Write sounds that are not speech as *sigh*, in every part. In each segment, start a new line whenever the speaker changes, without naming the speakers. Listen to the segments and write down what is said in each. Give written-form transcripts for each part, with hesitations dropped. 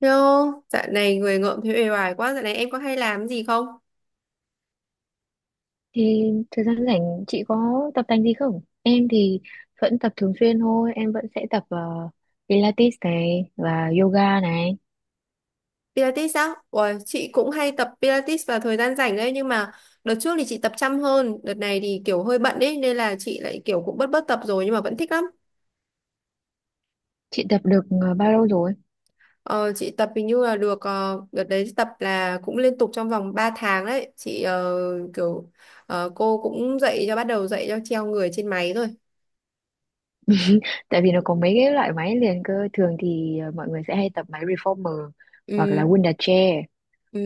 Yo, dạo này người ngợm thấy uể oải quá, dạo này em có hay làm gì không?
Thì thời gian rảnh chị có tập tành gì không? Em thì vẫn tập thường xuyên thôi, em vẫn sẽ tập Pilates này và yoga này.
Pilates á? Ủa, chị cũng hay tập Pilates vào thời gian rảnh đấy, nhưng mà đợt trước thì chị tập chăm hơn, đợt này thì kiểu hơi bận ấy, nên là chị lại kiểu cũng bớt bớt tập rồi nhưng mà vẫn thích lắm.
Chị tập được bao lâu rồi?
Ờ, chị tập hình như là được, đợt đấy tập là cũng liên tục trong vòng 3 tháng đấy, chị kiểu cô cũng dạy cho bắt đầu dạy cho treo người trên máy rồi.
Tại vì nó có mấy cái loại máy liền cơ, thường thì mọi người sẽ hay tập máy reformer hoặc là
Ừ,
Wunda chair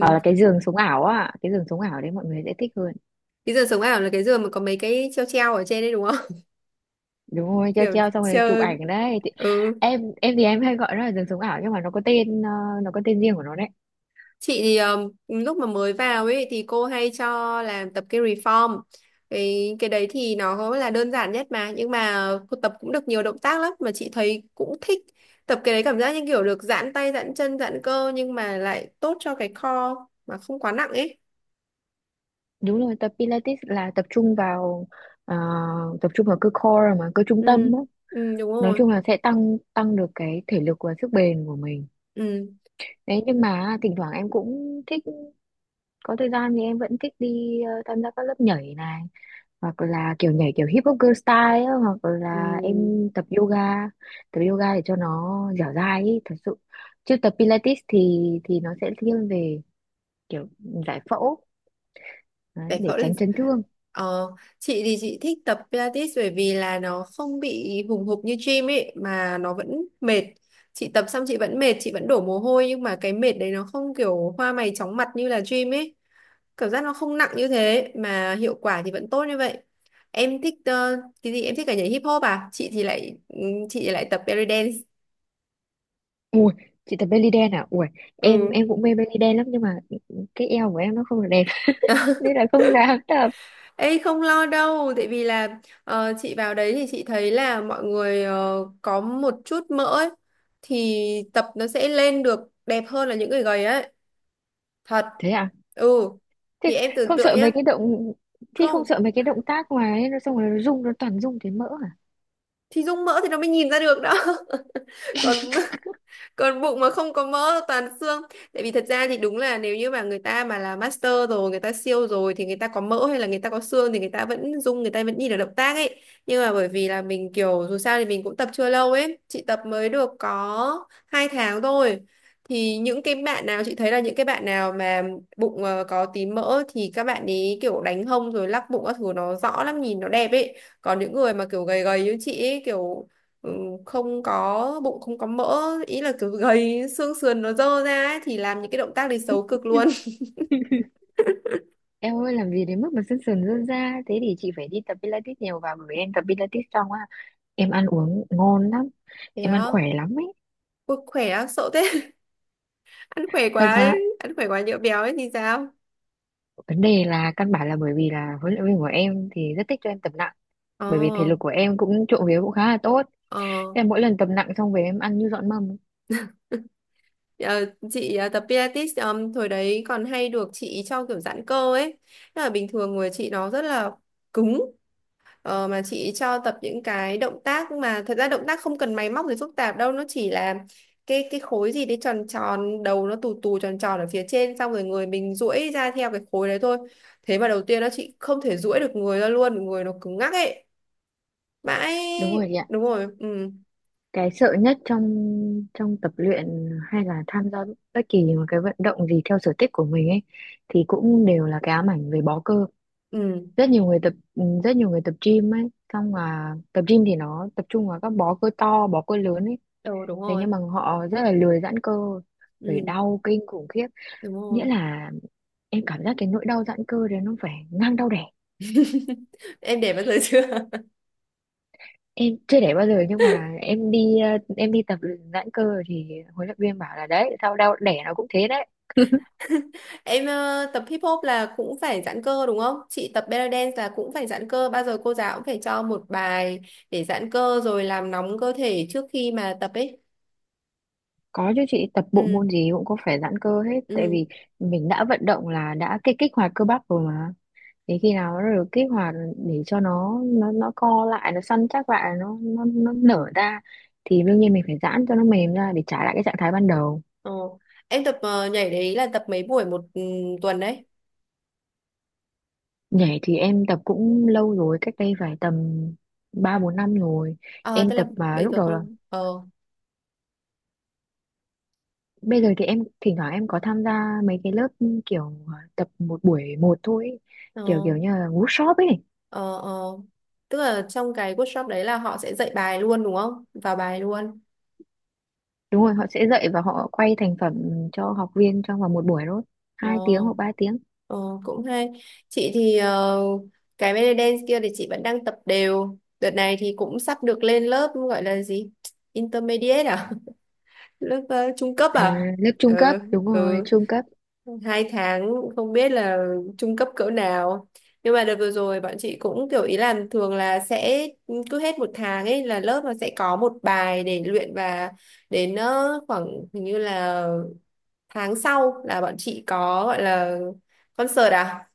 hoặc là cái giường sống ảo á, cái giường sống ảo đấy mọi người sẽ thích hơn.
Cái giường sống ảo là cái giường mà có mấy cái treo treo ở trên đấy đúng không? *laughs*
Đúng rồi, treo
Kiểu
treo xong rồi chụp
treo,
ảnh đấy. Thì
ừ.
em thì em hay gọi nó là giường sống ảo nhưng mà nó có tên riêng của nó.
Chị thì lúc mà mới vào ấy thì cô hay cho làm tập cái reform. Cái đấy thì nó là đơn giản nhất mà nhưng mà cô tập cũng được nhiều động tác lắm mà chị thấy cũng thích. Tập cái đấy cảm giác như kiểu được giãn tay, giãn chân, giãn cơ nhưng mà lại tốt cho cái core mà không quá nặng ấy.
Đúng rồi, tập Pilates là tập trung ờ, vào cơ core mà cơ trung
Ừ,
tâm á.
ừ đúng
Nói
rồi.
chung là sẽ tăng tăng được cái thể lực và sức bền của mình
Ừ.
đấy, nhưng mà thỉnh thoảng em cũng thích, có thời gian thì em vẫn thích đi tham gia các lớp nhảy này, hoặc là kiểu nhảy kiểu hip hop girl style á, hoặc
Ừ.
là em tập yoga để cho nó dẻo dai ý, thật sự. Chứ tập Pilates thì nó sẽ thiên về kiểu giải phẫu đấy,
Giải
để
phẫu là
tránh chấn thương.
ờ, chị thì chị thích tập Pilates bởi vì là nó không bị hùng hục như gym ấy mà nó vẫn mệt, chị tập xong chị vẫn mệt chị vẫn đổ mồ hôi nhưng mà cái mệt đấy nó không kiểu hoa mày chóng mặt như là gym ấy. Cảm giác nó không nặng như thế mà hiệu quả thì vẫn tốt như vậy. Em thích cái gì em thích cả nhảy hip hop à, chị thì lại chị thì lại tập belly dance.
Ui, chị tập belly dance à? Ui, em
Ừ.
em cũng mê belly dance lắm nhưng mà cái eo của em nó không được đẹp *laughs* nên là không dám tập.
Ê không lo đâu, tại vì là chị vào đấy thì chị thấy là mọi người có một chút mỡ ấy, thì tập nó sẽ lên được đẹp hơn là những người gầy ấy. Thật.
Thế à?
Ừ.
Thế
Thì em tưởng
không
tượng
sợ
nhá.
mấy cái động thì không
Không,
sợ mấy cái động tác mà ấy, nó xong rồi nó rung, nó toàn rung thấy mỡ à?
thì dung mỡ thì nó mới nhìn ra được đó. *laughs* Còn *laughs* còn bụng mà không có mỡ toàn xương, tại vì thật ra thì đúng là nếu như mà người ta mà là master rồi người ta siêu rồi thì người ta có mỡ hay là người ta có xương thì người ta vẫn dung người ta vẫn nhìn được động tác ấy. Nhưng mà bởi vì là mình kiểu dù sao thì mình cũng tập chưa lâu ấy, chị tập mới được có 2 tháng thôi. Thì những cái bạn nào chị thấy là những cái bạn nào mà bụng có tí mỡ thì các bạn ấy kiểu đánh hông rồi lắc bụng các thứ nó rõ lắm nhìn nó đẹp ấy. Còn những người mà kiểu gầy gầy như chị ấy kiểu ừ, không có bụng không có mỡ ý là kiểu gầy xương sườn nó dơ ra ấy, thì làm những cái động tác đấy xấu cực
Ừ.
luôn.
Em ơi, làm gì đến mức mà sân sườn rơn ra thế, thì chị phải đi tập Pilates nhiều vào, bởi vì em tập Pilates xong á em ăn uống ngon lắm,
*laughs* Thế
em ăn
á.
khỏe lắm ấy,
Ui, khỏe á sợ thế. *laughs* Ăn khỏe
thật
quá
mà.
ấy. Ăn khỏe quá nhỡ béo ấy thì sao?
Vấn đề là căn bản là bởi vì là huấn luyện viên của em thì rất thích cho em tập nặng,
Ờ.
bởi vì thể lực của em cũng trộm vía cũng khá là tốt.
Ờ.
Em mỗi lần tập nặng xong về em ăn như dọn mâm ấy.
Ờ, chị tập Pilates thời đấy còn hay được chị cho kiểu giãn cơ ấy. Tức là bình thường người chị nó rất là cứng. Ờ, mà chị cho tập những cái động tác mà thật ra động tác không cần máy móc gì phức tạp đâu, nó chỉ là cái khối gì đấy tròn tròn đầu nó tù tù tròn tròn ở phía trên, xong rồi người mình duỗi ra theo cái khối đấy thôi. Thế mà đầu tiên nó chị không thể duỗi được người ra luôn, người nó cứng ngắc ấy mãi.
Đúng rồi chị ạ.
Đúng rồi ừ.
Cái sợ nhất trong trong tập luyện hay là tham gia bất kỳ một cái vận động gì theo sở thích của mình ấy, thì cũng đều là cái ám ảnh về bó cơ.
Ừ.
Rất nhiều người tập gym ấy, xong là tập gym thì nó tập trung vào các bó cơ to, bó cơ lớn ấy.
Ừ đúng
Thế
rồi.
nhưng mà họ rất là lười giãn cơ,
Ừ
phải đau kinh khủng khiếp.
đúng
Nghĩa
rồi.
là em cảm giác cái nỗi đau giãn cơ đấy nó phải ngang đau đẻ.
Em để bao giờ chưa?
Em chưa đẻ bao giờ nhưng mà em đi tập giãn cơ rồi, thì huấn luyện viên bảo là đấy, sau đau đẻ nó cũng thế đấy.
Em tập hip hop là cũng phải giãn cơ đúng không? Chị tập belly dance là cũng phải giãn cơ. Bao giờ cô giáo cũng phải cho một bài để giãn cơ rồi làm nóng cơ thể trước khi mà tập ấy.
Có chứ, chị tập bộ
Ừ,
môn gì cũng có phải giãn cơ hết, tại
ừ.
vì mình đã vận động là đã kích kích hoạt cơ bắp rồi mà, thì khi nào nó được kích hoạt để cho nó co lại, nó săn chắc lại, nó nở ra, thì đương nhiên mình phải giãn cho nó mềm ra để trả lại cái trạng thái ban đầu.
Ồ. Em tập nhảy đấy là tập mấy buổi một tuần đấy?
Nhảy thì em tập cũng lâu rồi, cách đây phải tầm ba bốn năm rồi
Ờ,
em
tức là
tập, mà
bây
lúc
giờ
đầu.
không. Ờ,
Bây giờ thì em thỉnh thoảng em có tham gia mấy cái lớp kiểu tập một buổi một thôi ấy.
ờ,
Kiểu kiểu như là workshop ấy.
ờ, ờ. Tức là trong cái workshop đấy là họ sẽ dạy bài luôn đúng không? Vào bài luôn.
Đúng rồi, họ sẽ dạy và họ quay thành phẩm cho học viên trong vòng một buổi thôi.
Ờ.
2 tiếng hoặc 3 tiếng.
Ờ, cũng hay. Chị thì cái belly dance kia thì chị vẫn đang tập đều. Đợt này thì cũng sắp được lên lớp gọi là gì? Intermediate à? *laughs* Lớp trung cấp
À,
à?
lớp trung cấp,
Ừ,
đúng rồi,
ừ.
trung cấp.
2 tháng không biết là trung cấp cỡ nào. Nhưng mà đợt vừa rồi bọn chị cũng kiểu ý là thường là sẽ cứ hết một tháng ấy là lớp nó sẽ có một bài để luyện và đến khoảng hình như là tháng sau là bọn chị có gọi là concert à?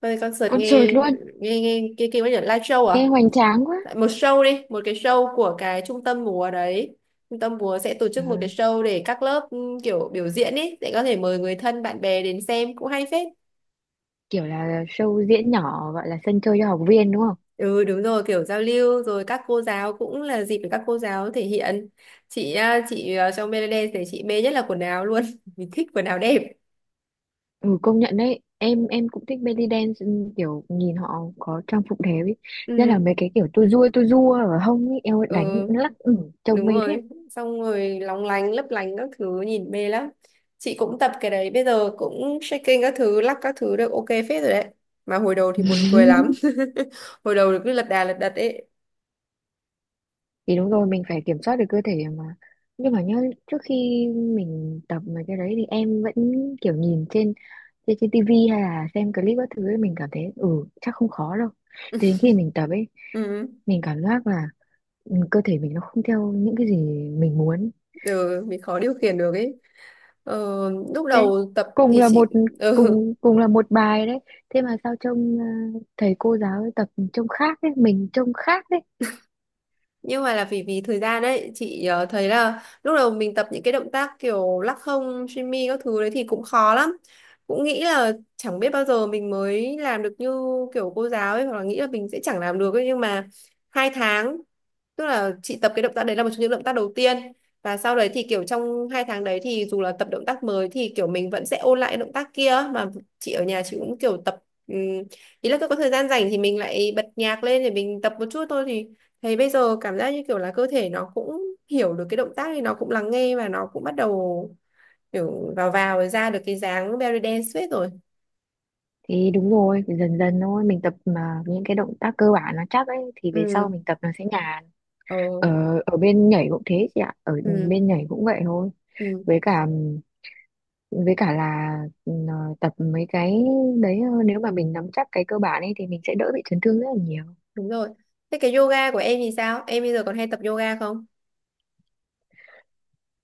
Bây giờ concert
Concert
nghe
luôn,
nghe nghe cái kiểu như là live show à?
nghe hoành tráng quá.
Tại một show đi, một cái show của cái trung tâm múa đấy. Trung tâm múa sẽ tổ
À,
chức một cái show để các lớp kiểu biểu diễn ấy, để có thể mời người thân bạn bè đến xem cũng hay phết.
kiểu là show diễn nhỏ gọi là sân chơi cho học viên đúng.
Ừ đúng rồi, kiểu giao lưu rồi các cô giáo cũng là dịp để các cô giáo thể hiện. Chị à, trong Melody thì chị mê nhất là quần áo luôn. *laughs* Mình thích quần áo đẹp.
Ừ, công nhận đấy, em cũng thích belly dance, ừ, kiểu nhìn họ có trang phục đẹp ấy, nhất là
Ừ,
mấy cái kiểu tua rua ở hông ấy, eo
ừ
đánh lắc, ừ, trông
đúng
mê thế.
rồi, xong rồi lóng lánh lấp lánh các thứ nhìn mê lắm. Chị cũng tập cái đấy bây giờ cũng shaking các thứ lắc các thứ được ok phết rồi đấy. Mà hồi đầu thì buồn cười lắm.
*laughs*
*laughs* Hồi đầu cứ lật đà lật đật ấy.
Thì đúng rồi, mình phải kiểm soát được cơ thể mà. Nhưng mà nhá, trước khi mình tập mấy cái đấy thì em vẫn kiểu nhìn trên trên, trên tivi hay là xem clip các thứ ấy, mình cảm thấy ừ chắc không khó đâu. Thế đến khi mình tập ấy,
Ừ,
mình cảm giác là, ừ, cơ thể mình nó không theo những cái gì mình muốn.
ừ mình khó điều khiển được ấy. ờ, Lúc
Đấy,
đầu tập
cùng
thì
là
chị
một
*laughs* ừ,
cùng là một bài đấy, thế mà sao trông thầy cô giáo ấy tập trông khác đấy, mình trông khác đấy.
nhưng mà là vì vì thời gian đấy chị thấy là lúc đầu mình tập những cái động tác kiểu lắc hông shimmy mi các thứ đấy thì cũng khó lắm, cũng nghĩ là chẳng biết bao giờ mình mới làm được như kiểu cô giáo ấy hoặc là nghĩ là mình sẽ chẳng làm được ấy. Nhưng mà 2 tháng, tức là chị tập cái động tác đấy là một trong những động tác đầu tiên và sau đấy thì kiểu trong 2 tháng đấy thì dù là tập động tác mới thì kiểu mình vẫn sẽ ôn lại cái động tác kia mà. Chị ở nhà chị cũng kiểu tập ý là cứ có thời gian rảnh thì mình lại bật nhạc lên để mình tập một chút thôi. Thì thấy bây giờ cảm giác như kiểu là cơ thể nó cũng hiểu được cái động tác thì nó cũng lắng nghe và nó cũng bắt đầu kiểu vào vào rồi ra được cái dáng belly dance suýt rồi.
Thì đúng rồi, phải dần dần thôi, mình tập mà những cái động tác cơ bản nó chắc ấy thì về sau
Ừ,
mình tập nó sẽ nhàn.
ờ,
Ở ở bên nhảy cũng thế chị ạ, ở
ừ,
bên nhảy cũng vậy thôi,
ừ,
với cả với cả là ờ, tập mấy cái đấy, nếu mà mình nắm chắc cái cơ bản ấy thì mình sẽ đỡ bị chấn thương rất là nhiều.
đúng rồi. Thế cái yoga của em thì sao? Em bây giờ còn hay tập yoga không?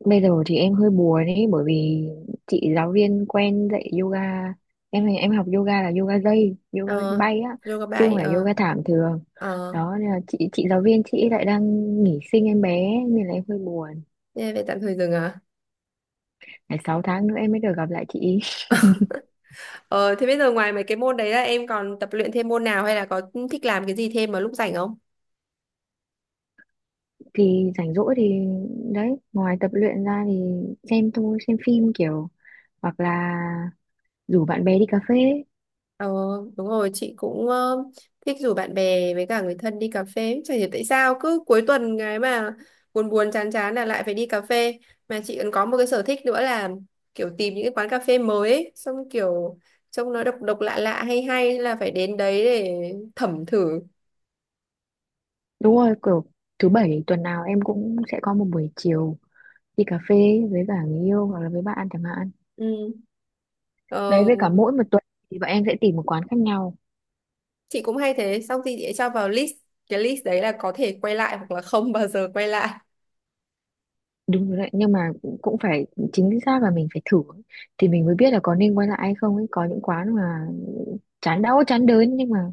Bây giờ thì em hơi buồn ấy, bởi vì chị giáo viên quen dạy yoga, em học yoga là yoga dây, yoga
Ờ,
bay á,
yoga
chứ
bay,
không phải
ờ,
yoga thảm thường
ờ,
đó, nên là chị giáo viên chị lại đang nghỉ sinh em bé nên là em hơi buồn,
thế về tạm thời dừng à?
phải 6 tháng nữa em mới được gặp lại chị *laughs* ý.
*laughs* Ờ, thế bây giờ ngoài mấy cái môn đấy là em còn tập luyện thêm môn nào hay là có thích làm cái gì thêm vào lúc rảnh không?
Thì rảnh rỗi thì đấy, ngoài tập luyện ra thì xem thôi, xem phim kiểu, hoặc là rủ bạn bè đi cà phê.
Ờ, đúng rồi, chị cũng thích rủ bạn bè với cả người thân đi cà phê. Chả hiểu tại sao cứ cuối tuần cái mà buồn buồn chán chán là lại phải đi cà phê. Mà chị còn có một cái sở thích nữa là kiểu tìm những cái quán cà phê mới ấy, xong kiểu trông nó độc độc lạ lạ hay hay là phải đến đấy để thẩm thử.
Đúng rồi, kiểu thứ bảy tuần nào em cũng sẽ có một buổi chiều đi cà phê với cả người yêu hoặc là với bạn chẳng hạn.
Ừ.
Đấy,
Ờ,
với cả mỗi một tuần thì bọn em sẽ tìm một quán khác nhau.
chị cũng hay thế, xong thì chị sẽ cho vào list. Cái list đấy là có thể quay lại hoặc là không bao giờ quay lại.
Đúng rồi đấy, nhưng mà cũng phải, chính xác là mình phải thử ấy, thì mình mới biết là có nên quay lại hay không ấy. Có những quán mà chán đau chán đớn, nhưng mà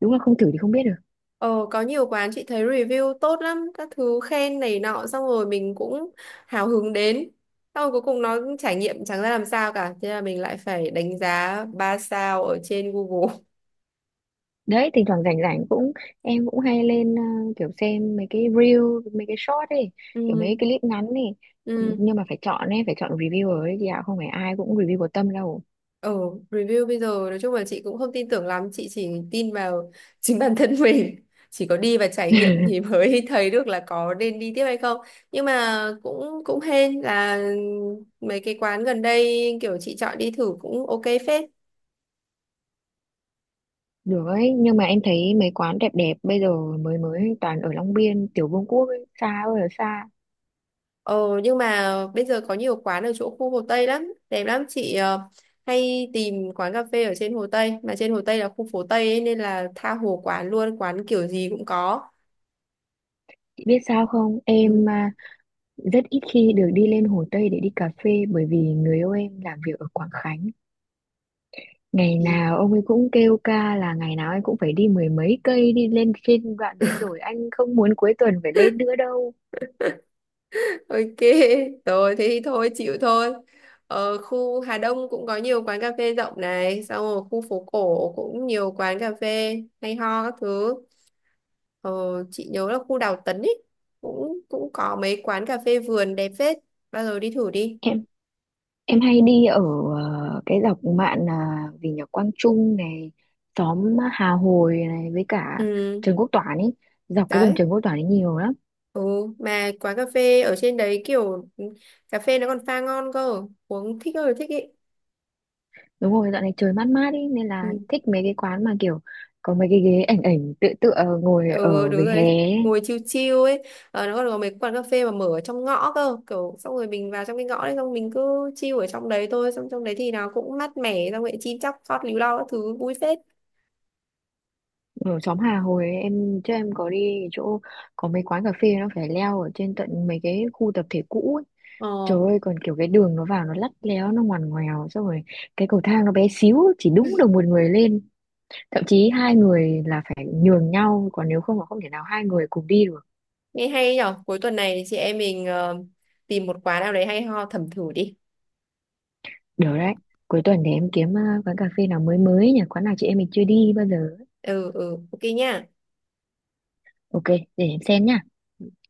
đúng là không thử thì không biết được.
Ờ, có nhiều quán chị thấy review tốt lắm, các thứ khen này nọ xong rồi mình cũng hào hứng đến. Xong rồi cuối cùng nó trải nghiệm chẳng ra làm sao cả, thế là mình lại phải đánh giá 3 sao ở trên Google. *laughs*
Đấy, thỉnh thoảng rảnh rảnh cũng, em cũng hay lên kiểu xem mấy cái reel, mấy cái short ấy, kiểu mấy
Ừ,
cái clip ngắn ấy,
ừ.
nhưng mà phải chọn ấy, phải chọn reviewer ấy chị ạ, không phải ai cũng review có tâm đâu.
Ờ, review bây giờ nói chung là chị cũng không tin tưởng lắm, chị chỉ tin vào *laughs* chính bản thân mình. Chỉ có đi và trải nghiệm thì
*laughs*
mới *laughs* thấy được là có nên đi tiếp hay không. Nhưng mà cũng cũng hên là mấy cái quán gần đây kiểu chị chọn đi thử cũng ok phết.
Được ấy, nhưng mà em thấy mấy quán đẹp đẹp bây giờ mới mới toàn ở Long Biên, Tiểu Vương Quốc ấy, xa ơi là xa.
Ờ nhưng mà bây giờ có nhiều quán ở chỗ khu Hồ Tây lắm, đẹp lắm chị hay tìm quán cà phê ở trên Hồ Tây, mà trên Hồ Tây là khu phố Tây ấy, nên là tha hồ quán luôn, quán kiểu gì cũng có.
Chị biết sao không? Em
Ừ.
à, rất ít khi được đi lên Hồ Tây để đi cà phê, bởi vì người yêu em làm việc ở Quảng Khánh. Ngày
Thì
nào ông ấy cũng kêu ca là ngày nào anh cũng phải đi mười mấy cây đi lên trên đoạn đấy rồi, anh không muốn cuối tuần phải lên nữa đâu.
*laughs* ok, rồi thế thì thôi chịu thôi. Ở khu Hà Đông cũng có nhiều quán cà phê rộng này, xong rồi khu phố cổ cũng nhiều quán cà phê hay ho các thứ. Ờ, chị nhớ là khu Đào Tấn ấy cũng cũng có mấy quán cà phê vườn đẹp phết, bao giờ đi thử đi.
em Em hay đi ở cái dọc mạn là vì nhà Quang Trung này, xóm Hà Hồi này, với cả
Ừ,
Trần Quốc Toản ấy, dọc cái đường
đấy.
Trần Quốc Toản ấy nhiều lắm.
Ừ, mà quán cà phê ở trên đấy kiểu cà phê nó còn pha ngon cơ, uống thích ơi là thích ý.
Đúng rồi, dạo này trời mát mát ấy nên là
Ừ,
thích mấy cái quán mà kiểu có mấy cái ghế ảnh ảnh tựa tựa ngồi
ừ
ở
đúng
vỉa
rồi,
hè
đấy.
ấy.
Ngồi chill chill ấy, nó còn có mấy quán cà phê mà mở ở trong ngõ cơ, kiểu xong rồi mình vào trong cái ngõ đấy xong mình cứ chill ở trong đấy thôi, xong trong đấy thì nó cũng mát mẻ, xong rồi chim chóc hót líu lo các thứ vui phết.
Ở xóm Hà Hồi ấy, em chứ em có đi cái chỗ có mấy quán cà phê nó phải leo ở trên tận mấy cái khu tập thể cũ ấy.
Ờ,
Trời ơi, còn kiểu cái đường nó vào nó lắt léo nó ngoằn ngoèo, xong rồi cái cầu thang nó bé xíu chỉ đúng được một người lên, thậm chí hai người là phải nhường nhau, còn nếu không là không thể nào hai người cùng đi được.
nghe hay nhở, cuối tuần này chị em mình tìm một quán nào đấy hay ho thẩm thử đi.
Được đấy, cuối tuần để em kiếm quán cà phê nào mới mới nhỉ, quán nào chị em mình chưa đi bao giờ.
Ừ, ừ, ok nha.
Ok, để em xem nhá.